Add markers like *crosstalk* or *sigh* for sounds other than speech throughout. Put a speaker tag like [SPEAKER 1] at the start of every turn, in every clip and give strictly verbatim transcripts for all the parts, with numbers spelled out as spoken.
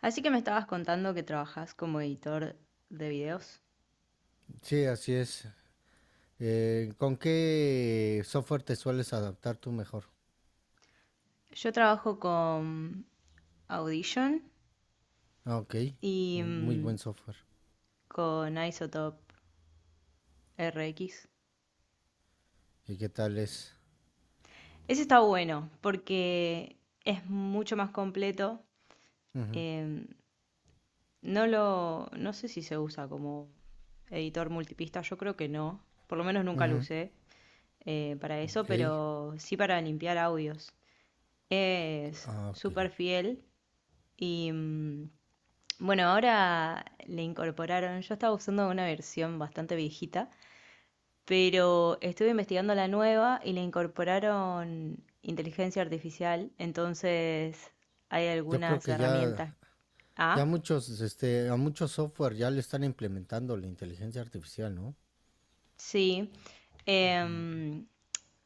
[SPEAKER 1] Así que me estabas contando que trabajas como editor de videos.
[SPEAKER 2] Sí, así es. Eh, ¿con qué software te sueles adaptar tú mejor?
[SPEAKER 1] Yo trabajo con Audition
[SPEAKER 2] Ah, ok.
[SPEAKER 1] y
[SPEAKER 2] Muy, muy
[SPEAKER 1] mm,
[SPEAKER 2] buen software.
[SPEAKER 1] con Isotope R X.
[SPEAKER 2] ¿Y qué tal es?
[SPEAKER 1] Ese está bueno porque es mucho más completo.
[SPEAKER 2] Ujú,
[SPEAKER 1] em, no lo, no sé si se usa como editor multipista, yo creo que no. Por lo menos nunca lo
[SPEAKER 2] ujú,
[SPEAKER 1] usé eh, para eso,
[SPEAKER 2] ok.
[SPEAKER 1] pero sí para limpiar audios. Es
[SPEAKER 2] Ah, ok.
[SPEAKER 1] súper fiel y mm, bueno, ahora le incorporaron, yo estaba usando una versión bastante viejita, pero estuve investigando la nueva y le incorporaron inteligencia artificial, entonces hay
[SPEAKER 2] Yo creo
[SPEAKER 1] algunas
[SPEAKER 2] que ya,
[SPEAKER 1] herramientas.
[SPEAKER 2] ya
[SPEAKER 1] Ah,
[SPEAKER 2] muchos, este, a muchos software ya le están implementando la inteligencia artificial, ¿no?
[SPEAKER 1] sí. Em,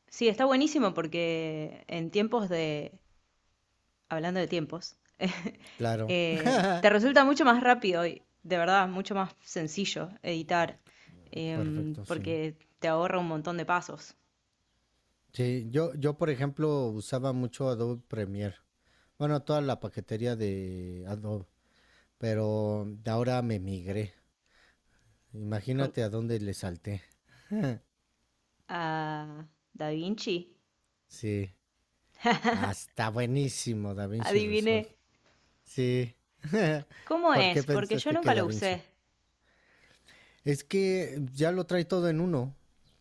[SPEAKER 1] sí, está buenísimo porque en tiempos de, hablando de tiempos, *laughs*
[SPEAKER 2] Claro.
[SPEAKER 1] eh, te
[SPEAKER 2] *laughs*
[SPEAKER 1] resulta mucho más rápido y de verdad mucho más sencillo editar em,
[SPEAKER 2] Perfecto, sí.
[SPEAKER 1] porque te ahorra un montón de pasos.
[SPEAKER 2] Sí, yo, yo por ejemplo usaba mucho Adobe Premiere. Bueno, toda la paquetería de Adobe, pero de ahora me migré.
[SPEAKER 1] Con,
[SPEAKER 2] Imagínate a dónde le salté.
[SPEAKER 1] a Da Vinci,
[SPEAKER 2] Sí. Hasta buenísimo, Da Vinci
[SPEAKER 1] adiviné
[SPEAKER 2] Resolve. Sí. *laughs*
[SPEAKER 1] cómo
[SPEAKER 2] ¿Por qué
[SPEAKER 1] es, porque yo
[SPEAKER 2] pensaste que
[SPEAKER 1] nunca
[SPEAKER 2] Da
[SPEAKER 1] lo
[SPEAKER 2] Vinci?
[SPEAKER 1] usé.
[SPEAKER 2] Es que ya lo trae todo en uno.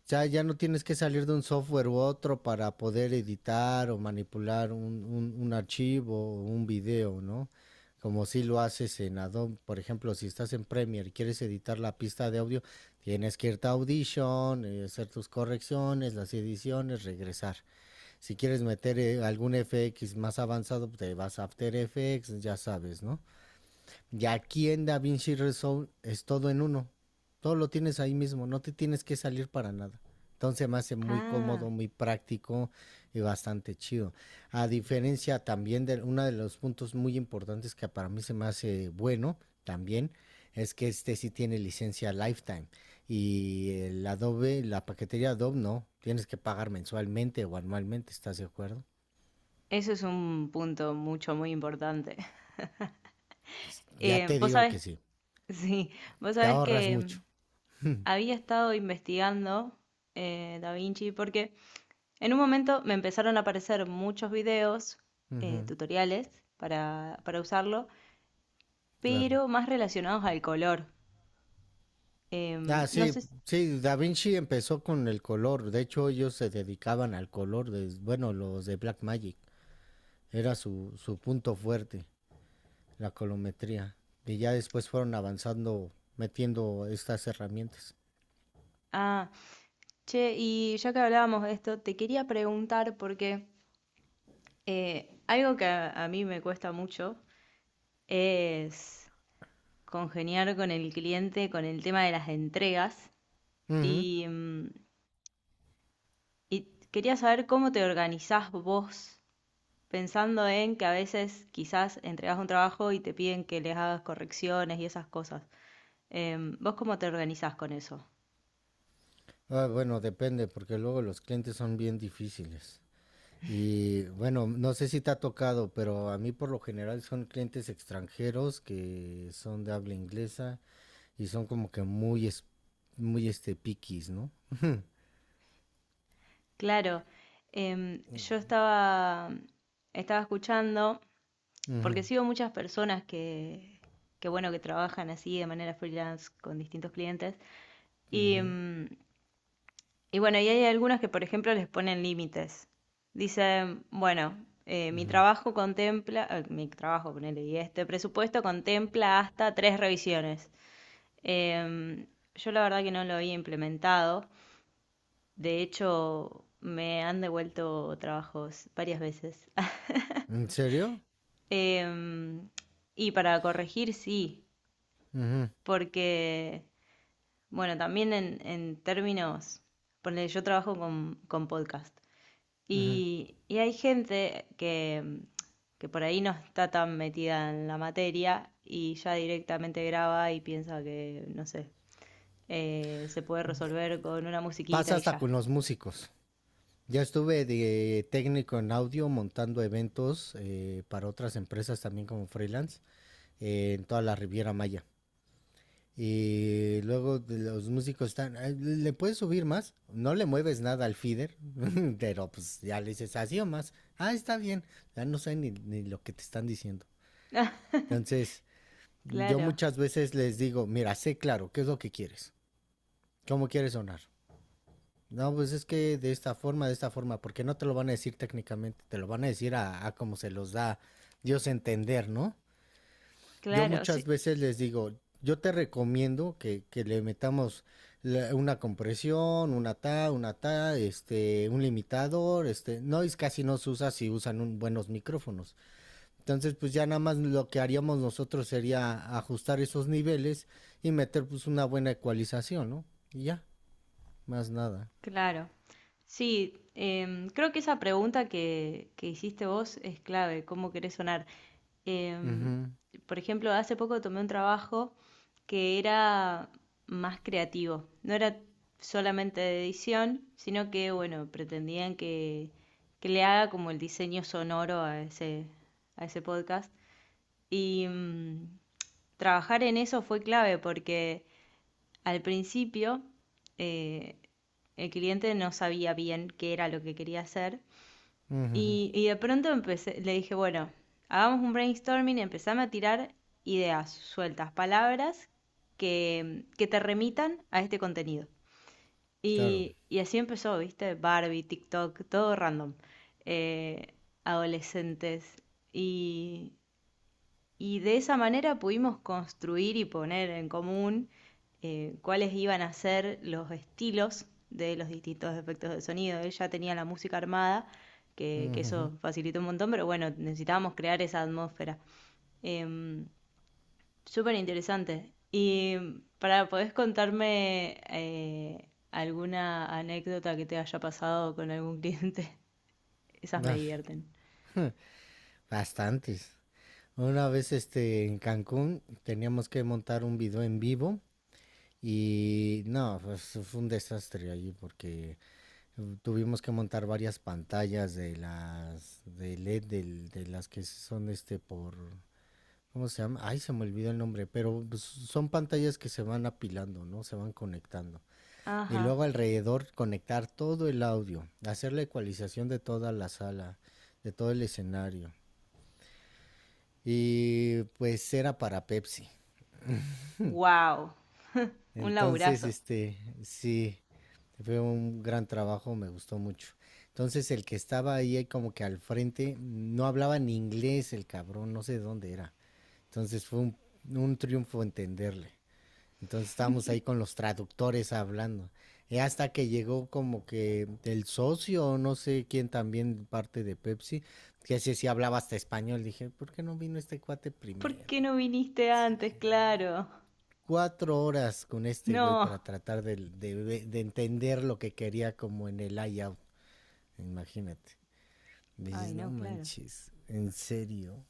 [SPEAKER 2] Ya, ya no tienes que salir de un software u otro para poder editar o manipular un, un, un archivo o un video, ¿no? Como si lo haces en Adobe. Por ejemplo, si estás en Premiere y quieres editar la pista de audio, tienes que irte a Audition, eh, hacer tus correcciones, las ediciones, regresar. Si quieres meter eh, algún F X más avanzado, pues, te vas a After Effects, ya sabes, ¿no? Y aquí en DaVinci Resolve es todo en uno. Todo lo tienes ahí mismo, no te tienes que salir para nada. Entonces me hace muy
[SPEAKER 1] Ah,
[SPEAKER 2] cómodo, muy práctico y bastante chido. A diferencia también de uno de los puntos muy importantes que para mí se me hace bueno también, es que este sí tiene licencia lifetime. Y el Adobe, la paquetería Adobe no, tienes que pagar mensualmente o anualmente, ¿estás de acuerdo?
[SPEAKER 1] eso es un punto mucho, muy importante. *laughs*
[SPEAKER 2] Ya
[SPEAKER 1] Eh,
[SPEAKER 2] te
[SPEAKER 1] vos
[SPEAKER 2] digo
[SPEAKER 1] sabés,
[SPEAKER 2] que sí,
[SPEAKER 1] *laughs* sí, vos
[SPEAKER 2] te
[SPEAKER 1] sabés
[SPEAKER 2] ahorras
[SPEAKER 1] que
[SPEAKER 2] mucho.
[SPEAKER 1] em, había estado investigando eh, Da Vinci porque en un momento me empezaron a aparecer muchos videos,
[SPEAKER 2] Uh
[SPEAKER 1] eh,
[SPEAKER 2] -huh,
[SPEAKER 1] tutoriales para, para usarlo,
[SPEAKER 2] claro.
[SPEAKER 1] pero más relacionados al color.
[SPEAKER 2] Ah,
[SPEAKER 1] Em, no
[SPEAKER 2] sí,
[SPEAKER 1] sé si...
[SPEAKER 2] sí, Da Vinci empezó con el color. De hecho, ellos se dedicaban al color de, bueno, los de Black Magic. Era su, su punto fuerte, la colometría. Y ya después fueron avanzando, metiendo estas herramientas.
[SPEAKER 1] Ah, che, y ya que hablábamos de esto, te quería preguntar porque eh, algo que a, a mí me cuesta mucho es congeniar con el cliente con el tema de las entregas
[SPEAKER 2] Ujú.
[SPEAKER 1] y, mm, y quería saber cómo te organizás vos pensando en que a veces quizás entregas un trabajo y te piden que les hagas correcciones y esas cosas. Em, ¿vos cómo te organizás con eso?
[SPEAKER 2] Ah, bueno, depende, porque luego los clientes son bien difíciles. Y bueno, no sé si te ha tocado, pero a mí por lo general son clientes extranjeros que son de habla inglesa y son como que muy, es- muy este piquis, ¿no?
[SPEAKER 1] Claro, em, yo estaba, estaba escuchando, porque
[SPEAKER 2] Ujú,
[SPEAKER 1] sigo muchas personas que, que, bueno, que trabajan así de manera freelance con distintos clientes, y,
[SPEAKER 2] ujú,
[SPEAKER 1] em, y bueno, y hay algunos que, por ejemplo, les ponen límites. Dicen, bueno, eh, mi
[SPEAKER 2] ujú.
[SPEAKER 1] trabajo contempla, eh, mi trabajo, ponele, y este presupuesto contempla hasta tres revisiones. Em, yo la verdad que no lo había implementado. De hecho, me han devuelto trabajos varias veces. *laughs*
[SPEAKER 2] ¿En serio?
[SPEAKER 1] Em, y para corregir, sí,
[SPEAKER 2] Ujú,
[SPEAKER 1] porque, bueno, también en, en términos, ponele, yo trabajo con, con podcast.
[SPEAKER 2] ujú.
[SPEAKER 1] Y, y hay gente que, mm, que por ahí no está tan metida en la materia y ya directamente graba y piensa que, no sé, eh, se puede resolver con una
[SPEAKER 2] Pasa
[SPEAKER 1] musiquita y
[SPEAKER 2] hasta
[SPEAKER 1] ya.
[SPEAKER 2] con los músicos. Ya estuve de técnico en audio montando eventos eh, para otras empresas también como freelance eh, en toda la Riviera Maya. Y luego de los músicos están, "Ay, ¿le puedes subir más? No le mueves nada al feeder, *laughs* pero pues ya le dices así o más. Ah, está bien. Ya no sé ni, ni lo que te están diciendo.
[SPEAKER 1] *laughs*
[SPEAKER 2] Entonces, yo
[SPEAKER 1] Claro,
[SPEAKER 2] muchas veces les digo, mira, sé claro, ¿qué es lo que quieres? ¿Cómo quieres sonar? No, pues es que de esta forma, de esta forma, porque no te lo van a decir técnicamente, te lo van a decir a, a como se los da Dios a entender, ¿no? Yo
[SPEAKER 1] claro,
[SPEAKER 2] muchas
[SPEAKER 1] sí,
[SPEAKER 2] veces les digo, yo te recomiendo que, que le metamos la- una compresión, una ta, una ta, este, un limitador, este, no es casi no se usa si usan un- buenos micrófonos. Entonces, pues ya nada más lo que haríamos nosotros sería ajustar esos niveles y meter pues una buena ecualización, ¿no? Y ya, más nada.
[SPEAKER 1] claro. Sí, em, creo que esa pregunta que, que hiciste vos es clave, ¿cómo querés sonar? Em,
[SPEAKER 2] Ujú,
[SPEAKER 1] por ejemplo, hace poco tomé un trabajo que era más creativo. No era solamente de edición, sino que, bueno, pretendían que, que le haga como el diseño sonoro a ese, a ese podcast. Y mm, trabajar en eso fue clave porque al principio eh, el cliente no sabía bien qué era lo que quería hacer
[SPEAKER 2] ujujú,
[SPEAKER 1] y, y de pronto empecé, le dije, bueno, hagamos un brainstorming, empezame a tirar ideas sueltas, palabras que, que te remitan a este contenido.
[SPEAKER 2] claro.
[SPEAKER 1] Y, y así empezó, ¿viste? Barbie, TikTok, todo random. Eh, adolescentes. Y, y de esa manera pudimos construir y poner en común eh, cuáles iban a ser los estilos de los distintos efectos de sonido. Él ya tenía la música armada, que, que
[SPEAKER 2] Ujujú.
[SPEAKER 1] eso facilitó un montón, pero bueno, necesitábamos crear esa atmósfera. Eh, Súper interesante. Y para, ¿podés contarme eh, alguna anécdota que te haya pasado con algún cliente? *laughs* Esas me
[SPEAKER 2] Ah,
[SPEAKER 1] divierten.
[SPEAKER 2] bastantes. Una vez este en Cancún teníamos que montar un video en vivo y no, pues, fue un desastre allí porque eh, tuvimos que montar varias pantallas de las de L E D del- de, las que son este por ¿cómo se llama? Ay, se me olvidó el nombre, pero pues, son pantallas que se van apilando, ¿no? Se van conectando. Y
[SPEAKER 1] Ajá.
[SPEAKER 2] luego alrededor conectar todo el audio, hacer la ecualización de toda la sala, de todo el escenario. Y pues era para Pepsi.
[SPEAKER 1] Wow, un
[SPEAKER 2] Entonces,
[SPEAKER 1] laburazo.
[SPEAKER 2] este, sí, fue un gran trabajo, me gustó mucho. Entonces el que estaba ahí ahí como que al frente no hablaba ni inglés el cabrón, no sé de dónde era. Entonces fue un, un triunfo entenderle. Entonces estábamos ahí con los traductores hablando. Y hasta que llegó como que el socio, no sé quién también parte de Pepsi, que así sí hablaba hasta español. Dije, ¿por qué no vino este cuate
[SPEAKER 1] ¿Por
[SPEAKER 2] primero?
[SPEAKER 1] qué no viniste antes? Claro.
[SPEAKER 2] Cuatro horas con este güey
[SPEAKER 1] No.
[SPEAKER 2] para tratar de, de- de entender lo que quería como en el layout. Imagínate.
[SPEAKER 1] Ay,
[SPEAKER 2] Dices, no
[SPEAKER 1] no, claro.
[SPEAKER 2] manches, en serio.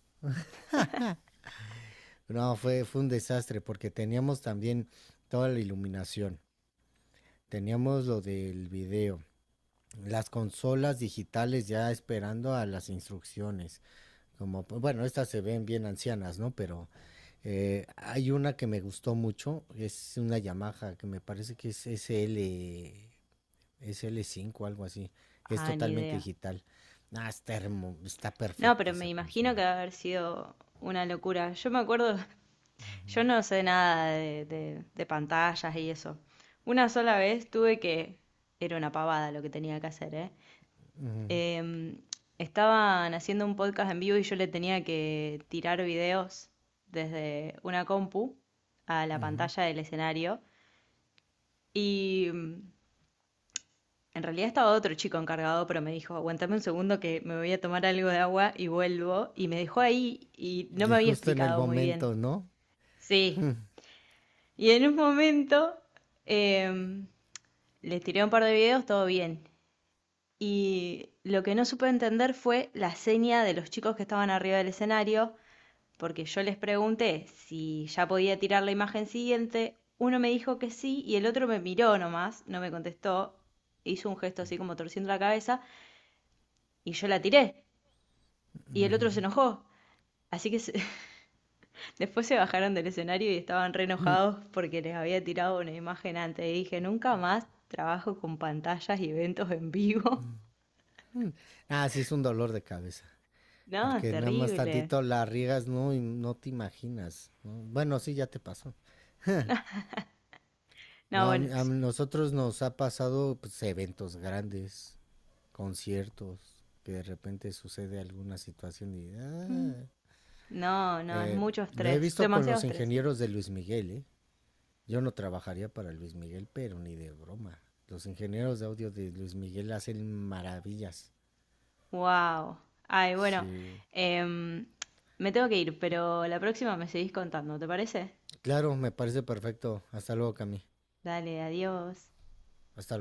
[SPEAKER 2] No, fue, fue un desastre porque teníamos también toda la iluminación. Teníamos lo del video, las consolas digitales ya esperando a las instrucciones. Como, pues, bueno, estas se ven bien ancianas, ¿no? Pero eh, hay una que me gustó mucho, es una Yamaha que me parece que es S L, S L cinco algo así. Es
[SPEAKER 1] Ah, ni
[SPEAKER 2] totalmente
[SPEAKER 1] idea.
[SPEAKER 2] digital. Ah, está hermo- está
[SPEAKER 1] No,
[SPEAKER 2] perfecta
[SPEAKER 1] pero me
[SPEAKER 2] esa
[SPEAKER 1] imagino que
[SPEAKER 2] consola.
[SPEAKER 1] va a haber sido una locura. Yo me acuerdo, *laughs*
[SPEAKER 2] Ujú,
[SPEAKER 1] yo no sé nada de, de- de pantallas y eso. Una sola vez tuve que, era una pavada lo que tenía que hacer, ¿eh? Em, estaban haciendo un podcast en vivo y yo le tenía que tirar videos desde una compu a la
[SPEAKER 2] ujú.
[SPEAKER 1] pantalla del escenario. Y mm, en realidad estaba otro chico encargado, pero me dijo, aguantame un segundo que me voy a tomar algo de agua y vuelvo. Y me dejó ahí y no me
[SPEAKER 2] Y
[SPEAKER 1] había
[SPEAKER 2] justo en el
[SPEAKER 1] explicado muy bien.
[SPEAKER 2] momento, ¿no?
[SPEAKER 1] Sí. Y en un momento em, les tiré un par de videos, todo bien. Y lo que no supe entender fue la seña de los chicos que estaban arriba del escenario, porque yo les pregunté si ya podía tirar la imagen siguiente. Uno me dijo que sí y el otro me miró nomás, no me contestó. Hizo un gesto así como torciendo la cabeza. Y yo la tiré. Y el otro se
[SPEAKER 2] Ujú.
[SPEAKER 1] enojó. Así que se- *laughs* después se bajaron del escenario y estaban re
[SPEAKER 2] Mm.
[SPEAKER 1] enojados porque les había tirado una imagen antes. Y dije, nunca más trabajo con pantallas y eventos en vivo. *laughs*
[SPEAKER 2] Ah, sí, es un dolor de cabeza.
[SPEAKER 1] No, es
[SPEAKER 2] Porque nada más
[SPEAKER 1] terrible.
[SPEAKER 2] tantito la riegas, no, y no te imaginas. ¿No? Bueno, sí, ya te pasó. *laughs* No,
[SPEAKER 1] No,
[SPEAKER 2] a,
[SPEAKER 1] bueno.
[SPEAKER 2] mí- a
[SPEAKER 1] s-
[SPEAKER 2] nosotros nos ha pasado pues, eventos grandes, conciertos, que de repente sucede alguna situación y...
[SPEAKER 1] mm,
[SPEAKER 2] ah.
[SPEAKER 1] no, no, es
[SPEAKER 2] Eh,
[SPEAKER 1] mucho
[SPEAKER 2] lo he
[SPEAKER 1] estrés.
[SPEAKER 2] visto con
[SPEAKER 1] Demasiado
[SPEAKER 2] los
[SPEAKER 1] estrés.
[SPEAKER 2] ingenieros de Luis Miguel, ¿eh? Yo no trabajaría para Luis Miguel, pero ni de broma. Los ingenieros de audio de Luis Miguel hacen maravillas.
[SPEAKER 1] Wow. Ay, bueno.
[SPEAKER 2] Sí.
[SPEAKER 1] em, me tengo que ir, pero la próxima me seguís contando, ¿te parece?
[SPEAKER 2] Claro, me parece perfecto. Hasta luego, Cami.
[SPEAKER 1] Dale, adiós.
[SPEAKER 2] Hasta